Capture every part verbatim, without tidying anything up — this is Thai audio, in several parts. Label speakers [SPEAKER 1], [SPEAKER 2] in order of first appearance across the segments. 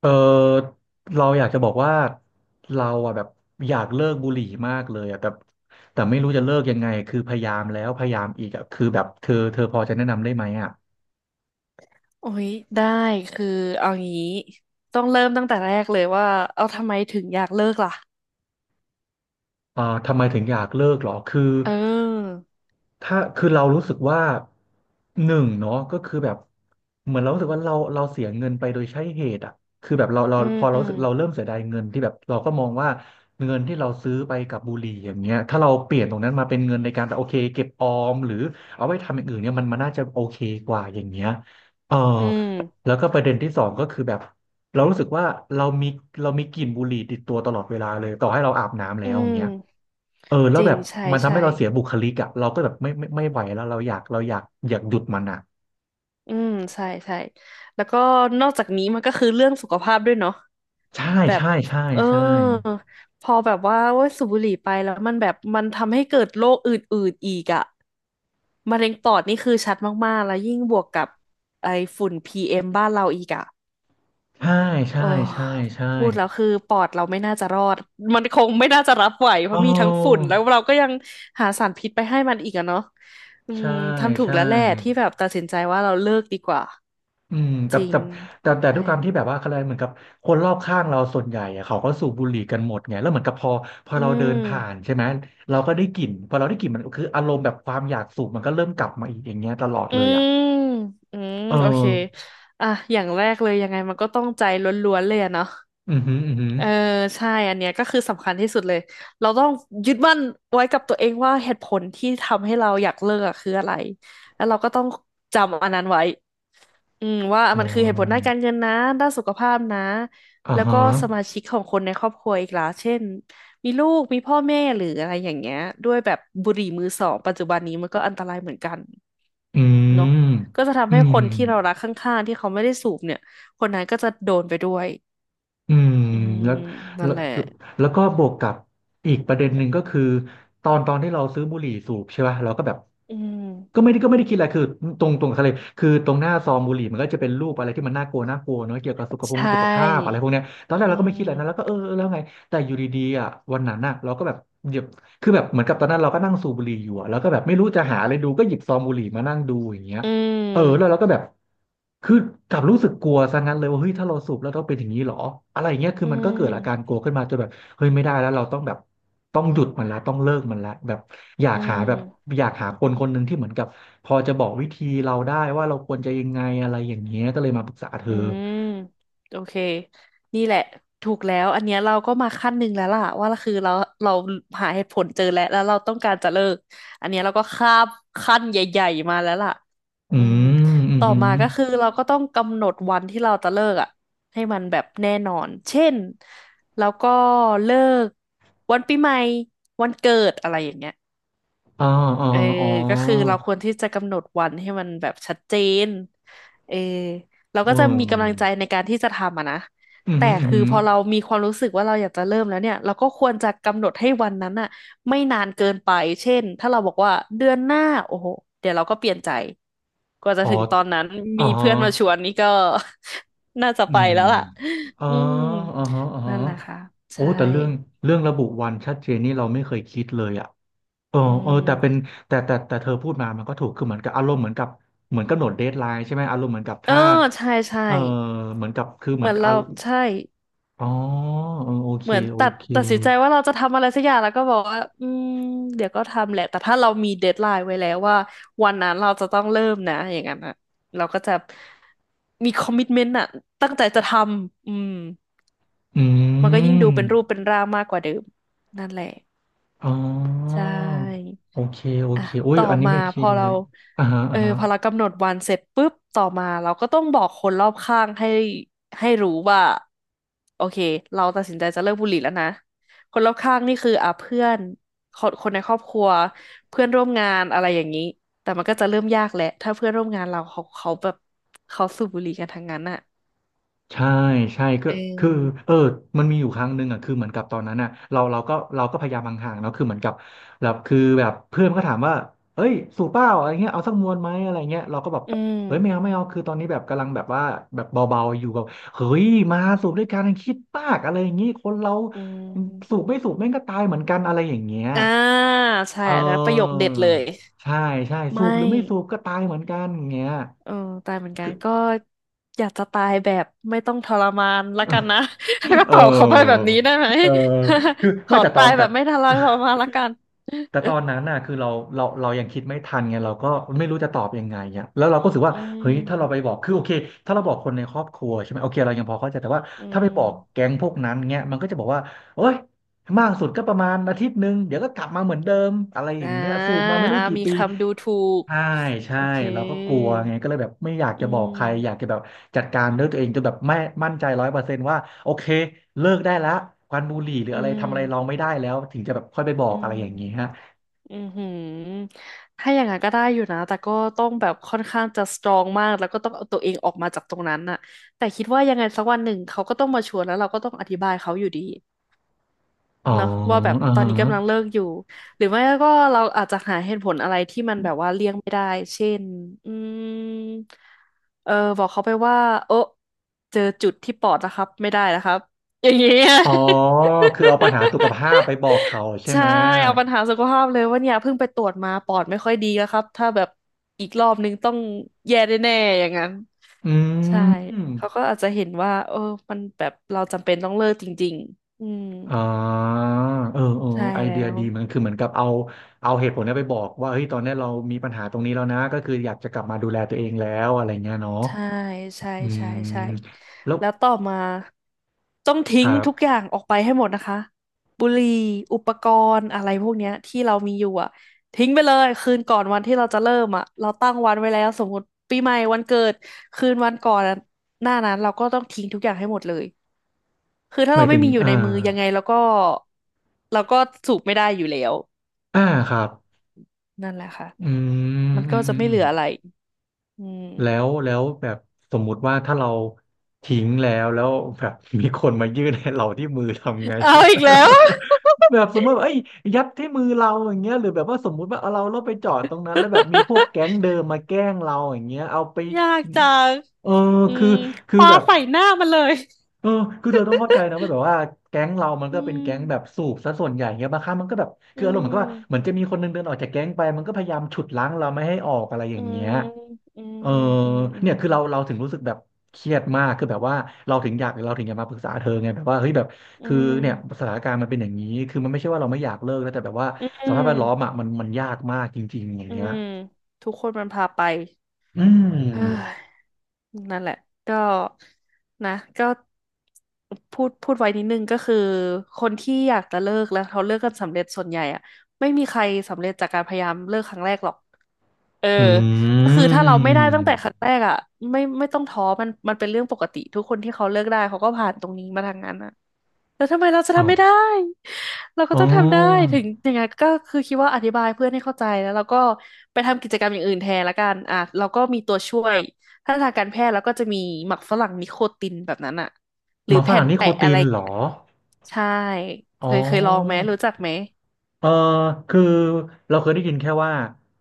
[SPEAKER 1] เออเราอยากจะบอกว่าเราอะแบบอยากเลิกบุหรี่มากเลยอะแต่แต่ไม่รู้จะเลิกยังไงคือพยายามแล้วพยายามอีกอะคือแบบเธอเธอพอจะแนะนำได้ไหมอะ
[SPEAKER 2] โอ้ยได้คือเอางี้ต้องเริ่มตั้งแต่แรกเลยว่าเอาทำไมถึงอยากเลิกล่ะ
[SPEAKER 1] เออทำไมถึงอยากเลิกเหรอคือ
[SPEAKER 2] เออ
[SPEAKER 1] ถ้าคือเรารู้สึกว่าหนึ่งเนาะก็คือแบบเหมือนเรารู้สึกว่าเราเราเสียเงินไปโดยใช่เหตุอ่ะคือแบบเราเรา
[SPEAKER 2] อื
[SPEAKER 1] พอเรารู้สึกเราเริ่
[SPEAKER 2] ม
[SPEAKER 1] มเสียดายเงินที่แบบเราก็มองว่าเงินที่เราซื้อไปกับบุหรี่อย่างเงี้ยถ้าเราเปลี่ยนตรงนั้นมาเป็นเงินในการแบบโอเคเก็บออมหรือเอาไว้ทำอย่างอื่นเนี่ยมันมันน่าจะโอเคกว่าอย่างเงี้ยเออ
[SPEAKER 2] อืม
[SPEAKER 1] แล้วก็ประเด็นที่สองก็คือแบบเรารู้สึกว่าเรามีเรามีกลิ่นบุหรี่ติดตัวตลอดเวลาเลยต่อให้เราอาบน้ำแล้
[SPEAKER 2] อื
[SPEAKER 1] วอย่างเงี้ย
[SPEAKER 2] ม
[SPEAKER 1] เออแล้
[SPEAKER 2] จ
[SPEAKER 1] ว
[SPEAKER 2] ริ
[SPEAKER 1] แบ
[SPEAKER 2] ง
[SPEAKER 1] บ
[SPEAKER 2] ใช่
[SPEAKER 1] มันทำให้
[SPEAKER 2] ใช่
[SPEAKER 1] เราเสียบุคลิกอ่ะเราก็แบบไม่ไม่ไม่ไหวแล้วเราอยากเราอยากอยากหยุดมันอ่ะ
[SPEAKER 2] อืมใช่ใช่แล้วก็นอกจากนี้มันก็คือเรื่องสุขภาพด้วยเนาะ
[SPEAKER 1] ใช่
[SPEAKER 2] แบบ
[SPEAKER 1] ใช่ใช่
[SPEAKER 2] เออ
[SPEAKER 1] ใช่
[SPEAKER 2] พอแบบว่าโอ้ยสูบบุหรี่ไปแล้วมันแบบมันทำให้เกิดโรคอื่นๆอีกอะมะเร็งปอดนี่คือชัดมากๆแล้วยิ่งบวกกับไอฝุ่น พี เอ็ม บ้านเราอีกอะ
[SPEAKER 1] ใช่ใช่
[SPEAKER 2] โอ้
[SPEAKER 1] ใช่ใช่
[SPEAKER 2] พูดแล้วคือปอดเราไม่น่าจะรอดมันคงไม่น่าจะรับไหวเพ
[SPEAKER 1] โอ
[SPEAKER 2] ราะมีทั้งฝุ่น
[SPEAKER 1] ้
[SPEAKER 2] แล้วเราก็ยังหาสารพิษไปให้มันอีกอะเนาะอืม
[SPEAKER 1] ใช่
[SPEAKER 2] ทำถูก
[SPEAKER 1] ใช่
[SPEAKER 2] แล้วแหละที่แบบตัดสินใจว่าเราเลิกดีกว่า
[SPEAKER 1] อืมแต่
[SPEAKER 2] จริ
[SPEAKER 1] แต่
[SPEAKER 2] ง
[SPEAKER 1] แต่แต่ด้
[SPEAKER 2] ใช่
[SPEAKER 1] วยความที่แบบว่าอะไรเหมือนกับคนรอบข้างเราส่วนใหญ่อะเขาก็สูบบุหรี่กันหมดไงแล้วเหมือนกับพอพอ
[SPEAKER 2] อื
[SPEAKER 1] เราเดินผ่าน
[SPEAKER 2] ม
[SPEAKER 1] ใช่ไหมเราก็ได้กลิ่นพอเราได้กลิ่นมันคืออารมณ์แบบความอยากสูบมันก็เริ่มกลับมาอีกอย่างเงี้ยตลอด
[SPEAKER 2] อื
[SPEAKER 1] เลยอ่ะ
[SPEAKER 2] มอืม
[SPEAKER 1] เออ
[SPEAKER 2] โอเคอ่ะอย่างแรกเลยยังไงมันก็ต้องใจล้วนๆเลยอะเนาะ
[SPEAKER 1] อือหืออือหือ
[SPEAKER 2] เออใช่อันเนี้ยก็คือสำคัญที่สุดเลยเราต้องยึดมั่นไว้กับตัวเองว่าเหตุผลที่ทำให้เราอยากเลิกอะคืออะไรแล้วเราก็ต้องจำอันนั้นไว้อืมว่า
[SPEAKER 1] อ๋อ
[SPEAKER 2] มันคือเหตุผลด้านการเงินนะด้านสุขภาพนะ
[SPEAKER 1] อ่า
[SPEAKER 2] แล้ว
[SPEAKER 1] ฮะ
[SPEAKER 2] ก็สมาชิกของคนในครอบครัวอีกล่ะเช่นมีลูกมีพ่อแม่หรืออะไรอย่างเงี้ยด้วยแบบบุหรี่มือสองปัจจุบันนี้มันก็อันตรายเหมือนกัน
[SPEAKER 1] อื
[SPEAKER 2] เนาะ
[SPEAKER 1] ม
[SPEAKER 2] ก็จะทำ
[SPEAKER 1] อื
[SPEAKER 2] ให้
[SPEAKER 1] ม
[SPEAKER 2] คนที่เรารักข้างๆที่เขาไม่ได้สูบเนี่ยคนนั้นก็จะโดนไปด้วย
[SPEAKER 1] อืม
[SPEAKER 2] อืม
[SPEAKER 1] แล้ว
[SPEAKER 2] นั่
[SPEAKER 1] แล้
[SPEAKER 2] น
[SPEAKER 1] ว
[SPEAKER 2] แหละ
[SPEAKER 1] แล้วก็บวกกับอีกประเด็นหนึ่งก็คือตอนตอนที่เราซื้อบุหรี่สูบใช่ป่ะเราก็แบบ
[SPEAKER 2] อื
[SPEAKER 1] ก็
[SPEAKER 2] ม
[SPEAKER 1] ไม่ได้ก็ไม่ได้คิดอะไรคือตรงตรงทะเลคือตรงหน้าซองบุหรี่มันก็จะเป็นรูปอะไรที่มันน่ากลัวน่ากลัวเนอะเกี่ยวกับสุขภา
[SPEAKER 2] ใช
[SPEAKER 1] พสุขภาพอะไร
[SPEAKER 2] ่
[SPEAKER 1] พวกเนี้ยตอนแรก
[SPEAKER 2] อื
[SPEAKER 1] เราก็ไม่คิดอะไรนะแล้วก็
[SPEAKER 2] ม
[SPEAKER 1] เออแล้วไงแต่อยู่ดีๆอ่ะวันนั้นน่ะเราก็แบบหยิบคือแบบเหมือนกับตอนนั้นเราก็นั่งสูบบุหรี่อยู่อะแล้วก็แบบไม่รู้จะหาอะไรดูก็หยิบซองบุหรี่มานั่งดูอย่างเงี้ย
[SPEAKER 2] อื
[SPEAKER 1] เออแล้ว
[SPEAKER 2] ม
[SPEAKER 1] เราก็แบบคือกลับรู้สึกกลัวซะงั้นเลยว่าเฮ้ยถ้าเราสูบแล้วต้องเป็นอย่างนี้เหรออะไรเงี้ยคือ
[SPEAKER 2] อื
[SPEAKER 1] มันก็เกิดอาการ
[SPEAKER 2] ม
[SPEAKER 1] กลัวขึ้นมาจนแบบเฮ้ยไม่ได้แล้วเราต้องแบบต้องหยุดมันละต้องเลิกมันละแบบอยาก
[SPEAKER 2] อื
[SPEAKER 1] หา
[SPEAKER 2] ม
[SPEAKER 1] แบบอยากหาคนคนหนึ่งที่เหมือนกับพอจะบอกวิธีเราได้ว่าเราควรจะยังไงอะไรอย่างเงี้ยก็เลยมาปรึกษาเธอ
[SPEAKER 2] อืมโอเคนี่แหละถูกแล้วอันเนี้ยเราก็มาขั้นหนึ่งแล้วล่ะว่าคือเราเราหาเหตุผลเจอแล้วแล้วเราต้องการจะเลิกอันเนี้ยเราก็ข้ามขั้นใหญ่ๆมาแล้วล่ะ
[SPEAKER 1] อื
[SPEAKER 2] อืม
[SPEAKER 1] มอืมอ
[SPEAKER 2] ต่อ
[SPEAKER 1] หืม
[SPEAKER 2] มาก็คือเราก็ต้องกำหนดวันที่เราจะเลิกอ่ะให้มันแบบแน่นอนเช่นแล้วก็เลิกวันปีใหม่วันเกิดอะไรอย่างเงี้ย
[SPEAKER 1] อ๋ออ๋อ
[SPEAKER 2] เออ
[SPEAKER 1] อ๋อ
[SPEAKER 2] ก็คือเราควรที่จะกำหนดวันให้มันแบบชัดเจนเออเรา
[SPEAKER 1] เอ
[SPEAKER 2] ก็จะมีกำลังใจ
[SPEAKER 1] อ
[SPEAKER 2] ในการที่จะทำอะนะ
[SPEAKER 1] อืมอ
[SPEAKER 2] แต่
[SPEAKER 1] หืมออือ
[SPEAKER 2] คือ
[SPEAKER 1] หือ
[SPEAKER 2] พอเรามีความรู้สึกว่าเราอยากจะเริ่มแล้วเนี่ยเราก็ควรจะกำหนดให้วันนั้นอะไม่นานเกินไปเช่นถ้าเราบอกว่าเดือนหน้าโอ้โหเดี๋ยวเราก็เปลี่ยนใจกว่าจะ
[SPEAKER 1] อ๋อ
[SPEAKER 2] ถึงตอนนั้น
[SPEAKER 1] อ๋
[SPEAKER 2] มี
[SPEAKER 1] อ
[SPEAKER 2] เพื่อนมาชวนนี่ก็ น่าจะ
[SPEAKER 1] อื
[SPEAKER 2] ไป
[SPEAKER 1] ม
[SPEAKER 2] แล้วล่ะ
[SPEAKER 1] อ๋อ
[SPEAKER 2] อืม
[SPEAKER 1] อ๋อฮะอ๋อ
[SPEAKER 2] นั่
[SPEAKER 1] ฮะ
[SPEAKER 2] นแหละค่ะ
[SPEAKER 1] โอ้
[SPEAKER 2] ใช่
[SPEAKER 1] แต่เรื่องเรื่องระบุวันชัดเจนนี่เราไม่เคยคิดเลยอ่ะเออ
[SPEAKER 2] อื
[SPEAKER 1] เออแต่เป็น
[SPEAKER 2] ม
[SPEAKER 1] แต่แต่แต่เธอพูดมามันก็ถูกคือเหมือนกับอารมณ์เหมือนกับเหมือนกำหนดเดดไลน์ใช่ไหมอารมณ์เหมือนกับ
[SPEAKER 2] เออ
[SPEAKER 1] ถ้า
[SPEAKER 2] ใช่ใช่
[SPEAKER 1] เออเหมือนกับคือเห
[SPEAKER 2] เห
[SPEAKER 1] มือ
[SPEAKER 2] มื
[SPEAKER 1] น
[SPEAKER 2] อน
[SPEAKER 1] กับอา
[SPEAKER 2] เราใช่
[SPEAKER 1] อ๋อเออโอเค
[SPEAKER 2] เหมือน
[SPEAKER 1] โอ
[SPEAKER 2] ตัด
[SPEAKER 1] เค
[SPEAKER 2] ตัดสินใจว่าเราจะทำอะไรสักอย่างแล้วก็บอกว่าอืมเดี๋ยวก็ทำแหละแต่ถ้าเรามีเดดไลน์ไว้แล้วว่าวันนั้นเราจะต้องเริ่มนะอย่างนั้นอะเราก็จะมีคอมมิ t เมนต์อะตั้งใจจะทำอืม
[SPEAKER 1] อื
[SPEAKER 2] มันก็ยิ่งดู
[SPEAKER 1] ม
[SPEAKER 2] เป็นรูปเป็นร่างมากกว่าเดิมนั่นแหละ
[SPEAKER 1] อ๋อ
[SPEAKER 2] ใช่
[SPEAKER 1] โอเคโอ
[SPEAKER 2] อ่ะ
[SPEAKER 1] เคโอ้ย
[SPEAKER 2] ต่อ
[SPEAKER 1] อันนี้
[SPEAKER 2] มา
[SPEAKER 1] ไม่
[SPEAKER 2] พ
[SPEAKER 1] คิด
[SPEAKER 2] อ
[SPEAKER 1] เล
[SPEAKER 2] เรา
[SPEAKER 1] ยอ่าฮะ
[SPEAKER 2] เอ
[SPEAKER 1] อ่า
[SPEAKER 2] อ
[SPEAKER 1] ฮะ
[SPEAKER 2] พอเรากำหนดวันเสร็จปุ๊บต่อมาเราก็ต้องบอกคนรอบข้างให้ให้รู้ว่าโอเคเราตัดสินใจจะเลิกบุหรี่แล้วนะคนรอบข้างนี่คืออ่ะเพื่อนคนคนในครอบครัวเพื่อนร่วมงานอะไรอย่างนี้แต่มันก็จะเริ่มยากแหละถ้าเพื่อนร่วมงานเราเขาเขาแบบเขาสูบบุหรี่กันทั้งนั้นอ่ะ
[SPEAKER 1] ใช่ใช่ก็
[SPEAKER 2] เอ
[SPEAKER 1] คือ
[SPEAKER 2] อ
[SPEAKER 1] เออมันมีอยู่ครั้งหนึ่งอ่ะคือเหมือนกับตอนนั้นอ่ะเราเราก็เราก็พยายามห่างๆเนาะคือเหมือนกับแบบคือแบบเพื่อนก็ถามว่าเอ้ยสูบเปล่าอะไรเงี้ยเอาสักมวนไหมอะไรเงี้ยเราก็แบบ
[SPEAKER 2] อืม
[SPEAKER 1] เอ้ยไม่เอาไม่เอาคือตอนนี้แบบกำลังแบบว่าแบบเบาๆอยู่แบบเฮ้ยมาสูบด้วยกันคิดมากอะไรอย่างงี้คนเรา
[SPEAKER 2] อื
[SPEAKER 1] สูบ
[SPEAKER 2] ม
[SPEAKER 1] ไม่สูบแม่งก็ตายเหมือนกันอะไรอย่างเงี้ย
[SPEAKER 2] อ่าใช่
[SPEAKER 1] เอ
[SPEAKER 2] อันะประโยค
[SPEAKER 1] อ
[SPEAKER 2] เด็ดเลย
[SPEAKER 1] ใช่ใช่สู
[SPEAKER 2] ไม่
[SPEAKER 1] บหรือไม่สูบก็ตายเหมือนกันอย่างเงี้ย
[SPEAKER 2] เออตายเหมือนกันก็อยากจะตายแบบไม่ต้องทรมานละกันนะ ก็
[SPEAKER 1] เอ
[SPEAKER 2] ตอบเขาไปแบบ
[SPEAKER 1] อ
[SPEAKER 2] นี้ได้ไหม
[SPEAKER 1] เออคือ
[SPEAKER 2] ข
[SPEAKER 1] ไม่
[SPEAKER 2] อ
[SPEAKER 1] แต่ตอ
[SPEAKER 2] ตา
[SPEAKER 1] น
[SPEAKER 2] ยแบ
[SPEAKER 1] แต่
[SPEAKER 2] บไม่ทร มานละกัน
[SPEAKER 1] แต่ตอนนั้นน่ะคือเราเราเรายังคิดไม่ทันไงเราก็ไม่รู้จะตอบยังไงอ่ะแล้วเราก็รู้สึก ว่า
[SPEAKER 2] อื
[SPEAKER 1] เฮ้ย
[SPEAKER 2] ม
[SPEAKER 1] ถ้าเราไปบอกคือโอเคถ้าเราบอกคนในครอบครัวใช่ไหมโอเคเรายังพอเข้าใจแต่ว่า
[SPEAKER 2] อื
[SPEAKER 1] ถ้าไปบอก
[SPEAKER 2] ม
[SPEAKER 1] แก๊งพวกนั้นเงี้ยมันก็จะบอกว่าโอ๊ยมากสุดก็ประมาณอาทิตย์หนึ่งเดี๋ยวก็กลับมาเหมือนเดิมอะไรอ
[SPEAKER 2] อ่า
[SPEAKER 1] ย่างเงี้ยสูบมาไม่รู้
[SPEAKER 2] อ่า
[SPEAKER 1] กี่
[SPEAKER 2] มี
[SPEAKER 1] ปี
[SPEAKER 2] คำดูถูก
[SPEAKER 1] ใช่ใช่
[SPEAKER 2] โอเค
[SPEAKER 1] เราก็กลัวไงก็เลยแบบไม่อยาก
[SPEAKER 2] อื
[SPEAKER 1] จะบอกใครอยาก
[SPEAKER 2] ม
[SPEAKER 1] จะแบบจัดการด้วยตัวเองจนแบบไม่มั่นใจร้อยเปอร์เซนต์ว่าโอเคเลิกได้แล้วควันบุหรี่หรือ
[SPEAKER 2] อื
[SPEAKER 1] อะไรทำอะไรเรา
[SPEAKER 2] ม
[SPEAKER 1] ไม่ได้แล้วถึงจะแบบค่อยไปบอ
[SPEAKER 2] อื
[SPEAKER 1] กอะ
[SPEAKER 2] ม
[SPEAKER 1] ไรอย่างนี้ฮะ
[SPEAKER 2] อือหือถ้าอย่างนั้นก็ได้อยู่นะ แต่ก็ต้องแบบค่อนข้างจะสตรองมากแล้วก็ต้องเอาตัวเองออกมาจากตรงนั้นน่ะแต่คิดว่ายังไงสักวันหนึ่งเขาก็ต้องมาชวนแล้วเราก็ต้องอธิบายเขาอยู่ดี
[SPEAKER 1] อ๋อ
[SPEAKER 2] เนาะว่าแบบ
[SPEAKER 1] อ่า
[SPEAKER 2] ตอน
[SPEAKER 1] ฮะ
[SPEAKER 2] นี้กำลังเลิกอยู่ หรือไม่ก็เราอาจจะหาเหตุผลอะไรที่มันแบบว่าเลี่ยงไม่ได้เช่นอืมเออบอกเขาไปว่าโอะเจอจุดที่ปอดนะครับไม่ได้นะครับอย่างเงี้ย
[SPEAKER 1] อ๋อคือเอาปัญหาสุขภาพไปบอกเขาใช่
[SPEAKER 2] ใช่
[SPEAKER 1] ไหม
[SPEAKER 2] เอาปัญหาสุขภาพเลยว่าเนี่ยเพิ่งไปตรวจมาปอดไม่ค่อยดีแล้วครับถ้าแบบอีกรอบนึงต้องแย่แน่ๆอย่างนั้น
[SPEAKER 1] อื
[SPEAKER 2] ใช่
[SPEAKER 1] ม
[SPEAKER 2] เขาก็อาจจะเห็นว่าเออมันแบบเราจำเป็นต้องเลิกจริงๆอืม
[SPEAKER 1] อ่าเออเออ
[SPEAKER 2] ใช่
[SPEAKER 1] ไอ
[SPEAKER 2] แล้
[SPEAKER 1] เดีย
[SPEAKER 2] ว
[SPEAKER 1] ดีเหมันคือเหมือนกับเอาเอาเหตุผลเนี้ยไปบอกว่าเฮ้ยตอนเนี้ยเรามีปัญหาตรงนี้แล้วนะก็คืออยากจะกลับมาดูแลตัวเองแล้วอะไรเงี้ยเนาะ
[SPEAKER 2] ใช่ใช่
[SPEAKER 1] อื
[SPEAKER 2] ใช่ใช่
[SPEAKER 1] มแล้ว
[SPEAKER 2] แล้วต่อมาต้อง
[SPEAKER 1] ค
[SPEAKER 2] ทิ้ง
[SPEAKER 1] รั
[SPEAKER 2] ทุก
[SPEAKER 1] บ
[SPEAKER 2] อย่างออกไปให้หมดนะคะบุหรี่อุปกรณ์อะไรพวกเนี้ยที่เรามีอยู่อ่ะทิ้งไปเลยคืนก่อนวันที่เราจะเริ่มอ่ะเราตั้งวันไว้แล้วสมมติปีใหม่วันเกิดคืนวันก่อนอะหน้านั้นเราก็ต้องทิ้งทุกอย่างให้หมดเลยคือถ้า
[SPEAKER 1] หมา
[SPEAKER 2] เรา
[SPEAKER 1] ย
[SPEAKER 2] ไม่
[SPEAKER 1] ถึง
[SPEAKER 2] มีอยู่ใน
[SPEAKER 1] อ่า
[SPEAKER 2] มือยังไงเราก็เราก็สูบไม่ได้อยู่แล้ว
[SPEAKER 1] อ่าครับ
[SPEAKER 2] นั่นแหละค่ะ
[SPEAKER 1] อืม
[SPEAKER 2] มัน
[SPEAKER 1] อื
[SPEAKER 2] ก็
[SPEAKER 1] ม
[SPEAKER 2] จะ
[SPEAKER 1] อื
[SPEAKER 2] ไม่
[SPEAKER 1] ม
[SPEAKER 2] เหลืออะไรอืม
[SPEAKER 1] แล้วแล้วแบบสมมุติว่าถ้าเราทิ้งแล้วแล้วแบบมีคนมายื่นให้เราที่มือทำไง
[SPEAKER 2] เอาอีกแล้ว
[SPEAKER 1] แบบสมมติว่าเอ้ยยัดที่มือเราอย่างเงี้ยหรือแบบว่าสมมุติว่าเอาเราเราไปจอดตรงนั้นแล้วแบบมีพวกแก๊งเดิมมาแกล้งเราอย่างเงี้ยเอาไป
[SPEAKER 2] ยากจัง
[SPEAKER 1] เออ
[SPEAKER 2] อื
[SPEAKER 1] คือ
[SPEAKER 2] ม
[SPEAKER 1] คือ
[SPEAKER 2] ปา
[SPEAKER 1] แบบ
[SPEAKER 2] ใส่หน้ามันเลย
[SPEAKER 1] เออคือเธอต้องเข้าใจนะว่าแบบว่าแก๊งเรามัน
[SPEAKER 2] อื
[SPEAKER 1] ก็เป็น
[SPEAKER 2] ม
[SPEAKER 1] แก๊งแบบสูบซะส่วนใหญ่เงี้ยบางครั้งมันก็แบบคื
[SPEAKER 2] อื
[SPEAKER 1] ออารมณ์เหมือนกับว่าเหมือน
[SPEAKER 2] ม
[SPEAKER 1] จะมีคนหนึงเดินออกจากแก๊งไปมันก็พยายามฉุดรั้งเราไม่ให้ออกอะไรอ
[SPEAKER 2] อื
[SPEAKER 1] ย่างเงี้
[SPEAKER 2] ม
[SPEAKER 1] ย
[SPEAKER 2] อืม
[SPEAKER 1] เออ
[SPEAKER 2] อืมอื
[SPEAKER 1] เนี่
[SPEAKER 2] ม
[SPEAKER 1] ยคือเราเราถึงรู้สึกแบบเครียดมากคือแบบว่าเราถึงอยากเราถึงอยากมาปรึกษาเธอไงแบบว่าเฮ้ยแบบ
[SPEAKER 2] อื
[SPEAKER 1] คือ
[SPEAKER 2] ม
[SPEAKER 1] เนี่ยสถานการณ์มันเป็นอย่างนี้คือมันไม่ใช่ว่าเราไม่อยากเลิกนะแต่แบบว่า
[SPEAKER 2] อื
[SPEAKER 1] สภาพ
[SPEAKER 2] ม
[SPEAKER 1] แวดล้อมอ่ะมันมันยากมากจริงๆอย่าง
[SPEAKER 2] อื
[SPEAKER 1] เงี้ย
[SPEAKER 2] มทุกคนมันพาไป
[SPEAKER 1] อื
[SPEAKER 2] เฮ้
[SPEAKER 1] ม
[SPEAKER 2] ยนั่นแหละก็นะก็พูดพูดไว้นิดนึงก็คือ คนที่อยากจะเลิกแล้วเขาเลิกกันสำเร็จส่วนใหญ่อะไม่มีใครสำเร็จจากการพยายามเลิกครั้งแรกหรอก เออ
[SPEAKER 1] อื
[SPEAKER 2] ก็คือถ้าเราไม่ได้
[SPEAKER 1] ม
[SPEAKER 2] ตั้งแต่ครั้งแรกอ่ะไม่ไม่ต้องท้อมันมันเป็นเรื่องปกติทุกคนที่เขาเลิกได้เขาก็ผ่านตรงนี้มาทางนั้นอ่ะแล้วทำไมเราจะ
[SPEAKER 1] อ๋อ
[SPEAKER 2] ทำไม่ได้เราก็
[SPEAKER 1] อ๋
[SPEAKER 2] ต้องทำได้
[SPEAKER 1] อ
[SPEAKER 2] ถึงยังไงก็คือคิดว่าอธิบายเพื่อนให้เข้าใจแล้วเราก็ไปทำกิจกรรมอย่างอื่นแทนละกันอ่ะเราก็มีตัวช่วยถ้าทางการแพทย์เราก็จะมีหมักฝรั่งนิโคตินแบบนั้นอ่ะ
[SPEAKER 1] หมาฝรั่งนี่โค
[SPEAKER 2] แปะ
[SPEAKER 1] ตี
[SPEAKER 2] อะไร
[SPEAKER 1] นเหรอ
[SPEAKER 2] ใช่
[SPEAKER 1] อ๋
[SPEAKER 2] เค
[SPEAKER 1] อ
[SPEAKER 2] ยเคยลองไหมรู้จักไหม
[SPEAKER 1] เออคือเราเคยได้ยินแค่ว่า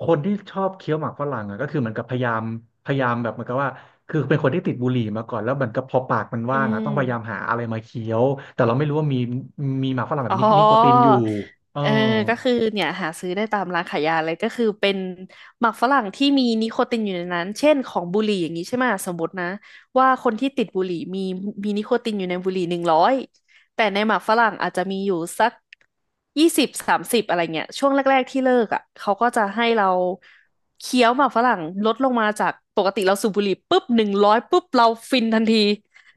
[SPEAKER 1] คนที่ชอบเคี้ยวหมากฝรั่งอะก็คือเหมือนกับพยายามพยายามแบบเหมือนกับว่าคือเป็นคนที่ติดบุหรี่มาก่อนแล้วเหมือนกับพอปากมัน
[SPEAKER 2] อื
[SPEAKER 1] ว่างอะต้
[SPEAKER 2] ม
[SPEAKER 1] องพยายามหาอะไรมาเคี้ยวแต่เราไม่รู้ว่ามีมีหมากฝรั่งแบ
[SPEAKER 2] อ๋
[SPEAKER 1] บ
[SPEAKER 2] อ
[SPEAKER 1] นินิโคตินอยู่เออ
[SPEAKER 2] เออก็คือเนี่ยหาซื้อได้ตามร้านขายยาเลยก็คือเป็นหมากฝรั่งที่มีนิโคตินอยู่ในนั้นเช่นของบุหรี่อย่างนี้ใช่ไหมสมมตินะว่าคนที่ติดบุหรี่มีมีนิโคตินอยู่ในบุหรี่หนึ่งร้อยแต่ในหมากฝรั่งอาจจะมีอยู่สักยี่สิบสามสิบอะไรเงี้ยช่วงแรกๆที่เลิกอ่ะเขาก็จะให้เราเคี้ยวหมากฝรั่งลดลงมาจากปกติเราสูบบุหรี่ปุ๊บหนึ่งร้อยปุ๊บเราฟินทันที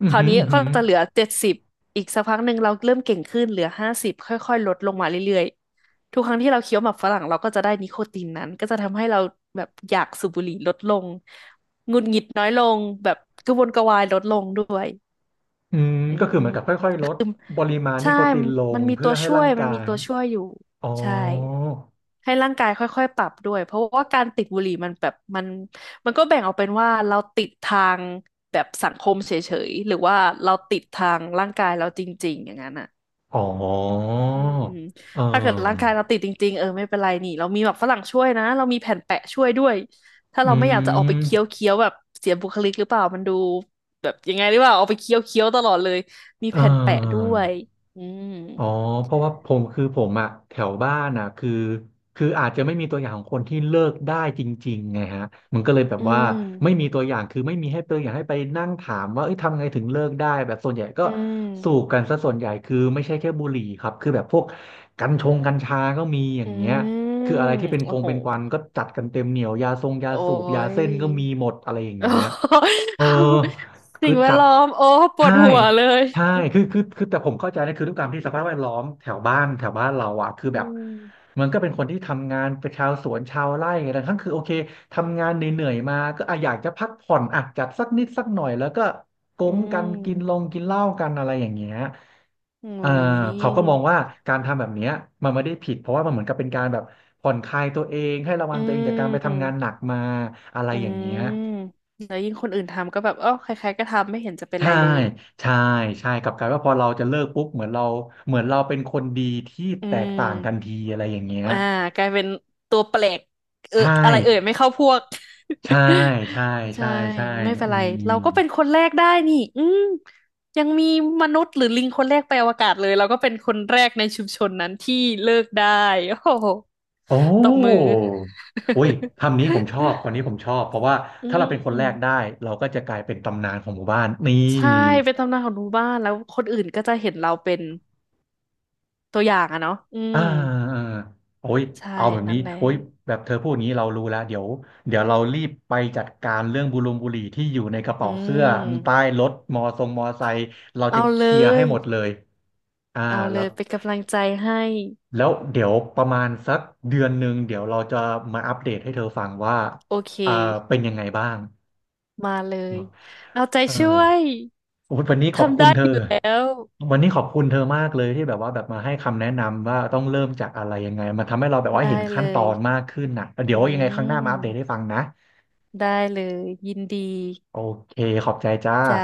[SPEAKER 1] อื
[SPEAKER 2] ค
[SPEAKER 1] อ
[SPEAKER 2] ราว
[SPEAKER 1] หือ
[SPEAKER 2] นี้
[SPEAKER 1] อือ
[SPEAKER 2] ก็
[SPEAKER 1] หือ
[SPEAKER 2] จะเหลือเจ็ดสิบ อีกสักพักหนึ่งเราเริ่มเก่งขึ้นเหลือห้าสิบค่อยๆลดลงมาเรื่อยๆทุกครั้งที่เราเคี้ยวหมากฝรั่งเราก็จะได้นิโคตินนั้นก็จะทำให้เราแบบอยากสูบบุหรี่ลดลงหงุดหงิดน้อยลงแบบกระวนกระวายลดลงด้วย
[SPEAKER 1] อืม
[SPEAKER 2] อื
[SPEAKER 1] ก็คือเหมือนกับ
[SPEAKER 2] ม
[SPEAKER 1] ค่อยๆลดปริมาณนิ
[SPEAKER 2] ใช่
[SPEAKER 1] โคตินล
[SPEAKER 2] มั
[SPEAKER 1] ง
[SPEAKER 2] นมี
[SPEAKER 1] เพื่
[SPEAKER 2] ตั
[SPEAKER 1] อ
[SPEAKER 2] ว
[SPEAKER 1] ให้
[SPEAKER 2] ช่ว
[SPEAKER 1] ร่า
[SPEAKER 2] ย
[SPEAKER 1] ง
[SPEAKER 2] มั
[SPEAKER 1] กา
[SPEAKER 2] นมี
[SPEAKER 1] ย
[SPEAKER 2] ตัวช่วยอยู่
[SPEAKER 1] อ๋อ
[SPEAKER 2] ใช่ให้ร่างกายค่อยๆปรับด้วยเพราะว่าการติดบุหรี่มันแบบมันมันก็แบ่งออกเป็นว่าเราติดทางแบบสังคมเฉยๆหรือว่าเราติดทางร่างกายเราจริงๆอย่างนั้นอ่ะ
[SPEAKER 1] อ๋อ
[SPEAKER 2] อืม
[SPEAKER 1] เ
[SPEAKER 2] ถ้าเกิดร่าง
[SPEAKER 1] ออ
[SPEAKER 2] กายเราติดจริงๆเออไม่เป็นไรนี่เรามีแบบฝรั่งช่วยนะเรามีแผ่นแปะช่วยด้วยถ้าเรา
[SPEAKER 1] อื
[SPEAKER 2] ไม่อยากจะออกไป
[SPEAKER 1] ม
[SPEAKER 2] เคี้ยวเคี้ยวแบบเสียบุคลิกหรือเปล่ามันดูแบบยังไงหรือเปล่าออกไปเคี้ยวเคี้ยวตลอดเลยมี
[SPEAKER 1] เออ
[SPEAKER 2] แผ่นแปะด้วยอืม
[SPEAKER 1] อ๋อเพราะว่าผมคือผมอะแถวบ้านอะคือคืออาจจะไม่มีตัวอย่างของคนที่เลิกได้จริงๆไงฮะมันก็เลยแบบ
[SPEAKER 2] อื
[SPEAKER 1] ว่าไม่
[SPEAKER 2] ม
[SPEAKER 1] มีตัวอย่างคือไม่มีให้ตัวอย่างให้ไปนั่งถามว่าเอ้ยทำไงถึงเลิกได้แบบส่วนใหญ่ก็
[SPEAKER 2] อืม
[SPEAKER 1] สูบกันซะส่วนใหญ่คือไม่ใช่แค่บุหรี่ครับคือแบบพวกกัญชงกัญชาก็มีอย่า
[SPEAKER 2] อื
[SPEAKER 1] งเงี้ยคืออะ
[SPEAKER 2] ม
[SPEAKER 1] ไรที่เป็นค
[SPEAKER 2] โอ้
[SPEAKER 1] ง
[SPEAKER 2] โห
[SPEAKER 1] เป็นควันก็จัดกันเต็มเหนียวยาทรงยา
[SPEAKER 2] โอ้
[SPEAKER 1] สูบยา
[SPEAKER 2] ย
[SPEAKER 1] เส้นก็มีหมดอะไรอย่าง
[SPEAKER 2] โ
[SPEAKER 1] เงี้ย
[SPEAKER 2] อ้
[SPEAKER 1] เออ
[SPEAKER 2] ย
[SPEAKER 1] คื
[SPEAKER 2] สิ่
[SPEAKER 1] อ
[SPEAKER 2] งแว
[SPEAKER 1] จั
[SPEAKER 2] ด
[SPEAKER 1] ด
[SPEAKER 2] ล้อมโอ้ปว
[SPEAKER 1] ใช่
[SPEAKER 2] ดหัวเลย
[SPEAKER 1] ใช่คือคือคือแต่ผมเข้าใจนะคือด้วยความที่สภาพแวดล้อมแถวบ้านแถวบ้านเราอ่ะคือ
[SPEAKER 2] อื
[SPEAKER 1] แบบ
[SPEAKER 2] ม
[SPEAKER 1] มันก็เป็นคนที่ทำงานเป็นชาวสวนชาวไร่อะไรทั้งคือโอเคทำงานเหนื่อยๆมาก็อ่ะอยากจะพักผ่อนอ่ะจัดสักนิดสักหน่อยแล้วก็โก๊
[SPEAKER 2] อื
[SPEAKER 1] งกันกินลง
[SPEAKER 2] ม
[SPEAKER 1] กินเหล้ากันอะไรอย่างเงี้ย
[SPEAKER 2] อืม
[SPEAKER 1] เอ
[SPEAKER 2] โอ้
[SPEAKER 1] อ
[SPEAKER 2] ย
[SPEAKER 1] เขาก็มองว่าการทำแบบเนี้ยมันไม่ได้ผิดเพราะว่ามันเหมือนกับเป็นการแบบผ่อนคลายตัวเองให้ระวั
[SPEAKER 2] อื
[SPEAKER 1] งตัวเองจากการไปทำงานหนั
[SPEAKER 2] ม
[SPEAKER 1] กมาอะไร
[SPEAKER 2] อื
[SPEAKER 1] อย่างเงี้ย
[SPEAKER 2] มแล้วยิ่งคนอื่นทำก็แบบเออใครๆก็ทำไม่เห็นจะเป็นไร
[SPEAKER 1] ใช่
[SPEAKER 2] เลย
[SPEAKER 1] ใช่ใช่กลับกลายว่าพอเราจะเลิกปุ๊บเหมือนเราเหมือนเราเป็นคนดีที่
[SPEAKER 2] อื
[SPEAKER 1] แตกต่างทัน
[SPEAKER 2] ม
[SPEAKER 1] ทีอะไรอย่างเงี้ย
[SPEAKER 2] อ่ากลายเป็นตัวแปลกเออ
[SPEAKER 1] ใช่
[SPEAKER 2] อะไรเอ่ยไม่เข้าพวก
[SPEAKER 1] ใช่ใช่
[SPEAKER 2] ใช่
[SPEAKER 1] ใช่ใช่
[SPEAKER 2] ไม่เป็น
[SPEAKER 1] อื
[SPEAKER 2] ไร
[SPEAKER 1] ม
[SPEAKER 2] เราก็เป็นคนแรกได้นี่อืมยังมีมนุษย์หรือลิงคนแรกไปอวกาศเลยเราก็เป็นคนแรกในชุมชนนั้นที่เลิกได้ โอ้โห
[SPEAKER 1] โอ้
[SPEAKER 2] ตบมือ
[SPEAKER 1] อุ้ยคำนี้ผมชอบคนนี้ผมชอบ เพราะว่า
[SPEAKER 2] อื
[SPEAKER 1] ถ้าเราเป็นคนแร
[SPEAKER 2] ม
[SPEAKER 1] กได้เราก็จะกลายเป็นตำนานของหมู่บ้านนี่
[SPEAKER 2] ใช่เป็นตำนานของหมู่บ้านแล้วคนอื่นก็จะเห็นเราเป็นตัวอย่างอะเนาะอื
[SPEAKER 1] อ่า
[SPEAKER 2] ม
[SPEAKER 1] อ่าโอ้ย
[SPEAKER 2] ใช่
[SPEAKER 1] เอาแบบ
[SPEAKER 2] นั่
[SPEAKER 1] นี้
[SPEAKER 2] นแหละ
[SPEAKER 1] โอ้ยแบบเธอพูดอย่างนี้เรารู้แล้วเดี๋ยวเดี๋ยวเรารีบไปจัดการเรื่องบุรงบุหรี่ที่อยู่ในกระ
[SPEAKER 2] อื
[SPEAKER 1] เป๋าเสื้อใต้
[SPEAKER 2] ม
[SPEAKER 1] รถมอทรงมอไซค์เรา
[SPEAKER 2] เอา
[SPEAKER 1] จะเค
[SPEAKER 2] เล
[SPEAKER 1] ลียร์ให้
[SPEAKER 2] ย
[SPEAKER 1] หมดเลยอ่า
[SPEAKER 2] เอาเล
[SPEAKER 1] แล้ว
[SPEAKER 2] ยเป็นกำลังใจให้
[SPEAKER 1] แล้วเดี๋ยวประมาณสักเดือนหนึ่งเดี๋ยวเราจะมาอัปเดตให้เธอฟังว่า
[SPEAKER 2] โอเค
[SPEAKER 1] เอ่อเป็นยังไงบ้าง
[SPEAKER 2] มาเล
[SPEAKER 1] เน
[SPEAKER 2] ย
[SPEAKER 1] อะ
[SPEAKER 2] เอาใจ
[SPEAKER 1] เออ
[SPEAKER 2] ช่วย
[SPEAKER 1] โอ้ยวันนี้ขอบ
[SPEAKER 2] ทำ
[SPEAKER 1] คุณ
[SPEAKER 2] ได้
[SPEAKER 1] เธอ
[SPEAKER 2] อยู่แล้ว
[SPEAKER 1] วันนี้ขอบคุณเธอมากเลยที่แบบว่าแบบมาให้คำแนะนำว่าต้องเริ่มจากอะไรยังไงมันทำให้เราแบบว่า
[SPEAKER 2] ได้
[SPEAKER 1] เห็น
[SPEAKER 2] เล
[SPEAKER 1] ขั้นตอ
[SPEAKER 2] ย
[SPEAKER 1] นมากขึ้นน่ะเดี๋
[SPEAKER 2] อื
[SPEAKER 1] ยวยังไงครั้งหน้ามาอัปเดต
[SPEAKER 2] ม
[SPEAKER 1] ให้ฟังนะ
[SPEAKER 2] ได้เลยยินดี
[SPEAKER 1] โอเคขอบใจจ้า
[SPEAKER 2] จ้า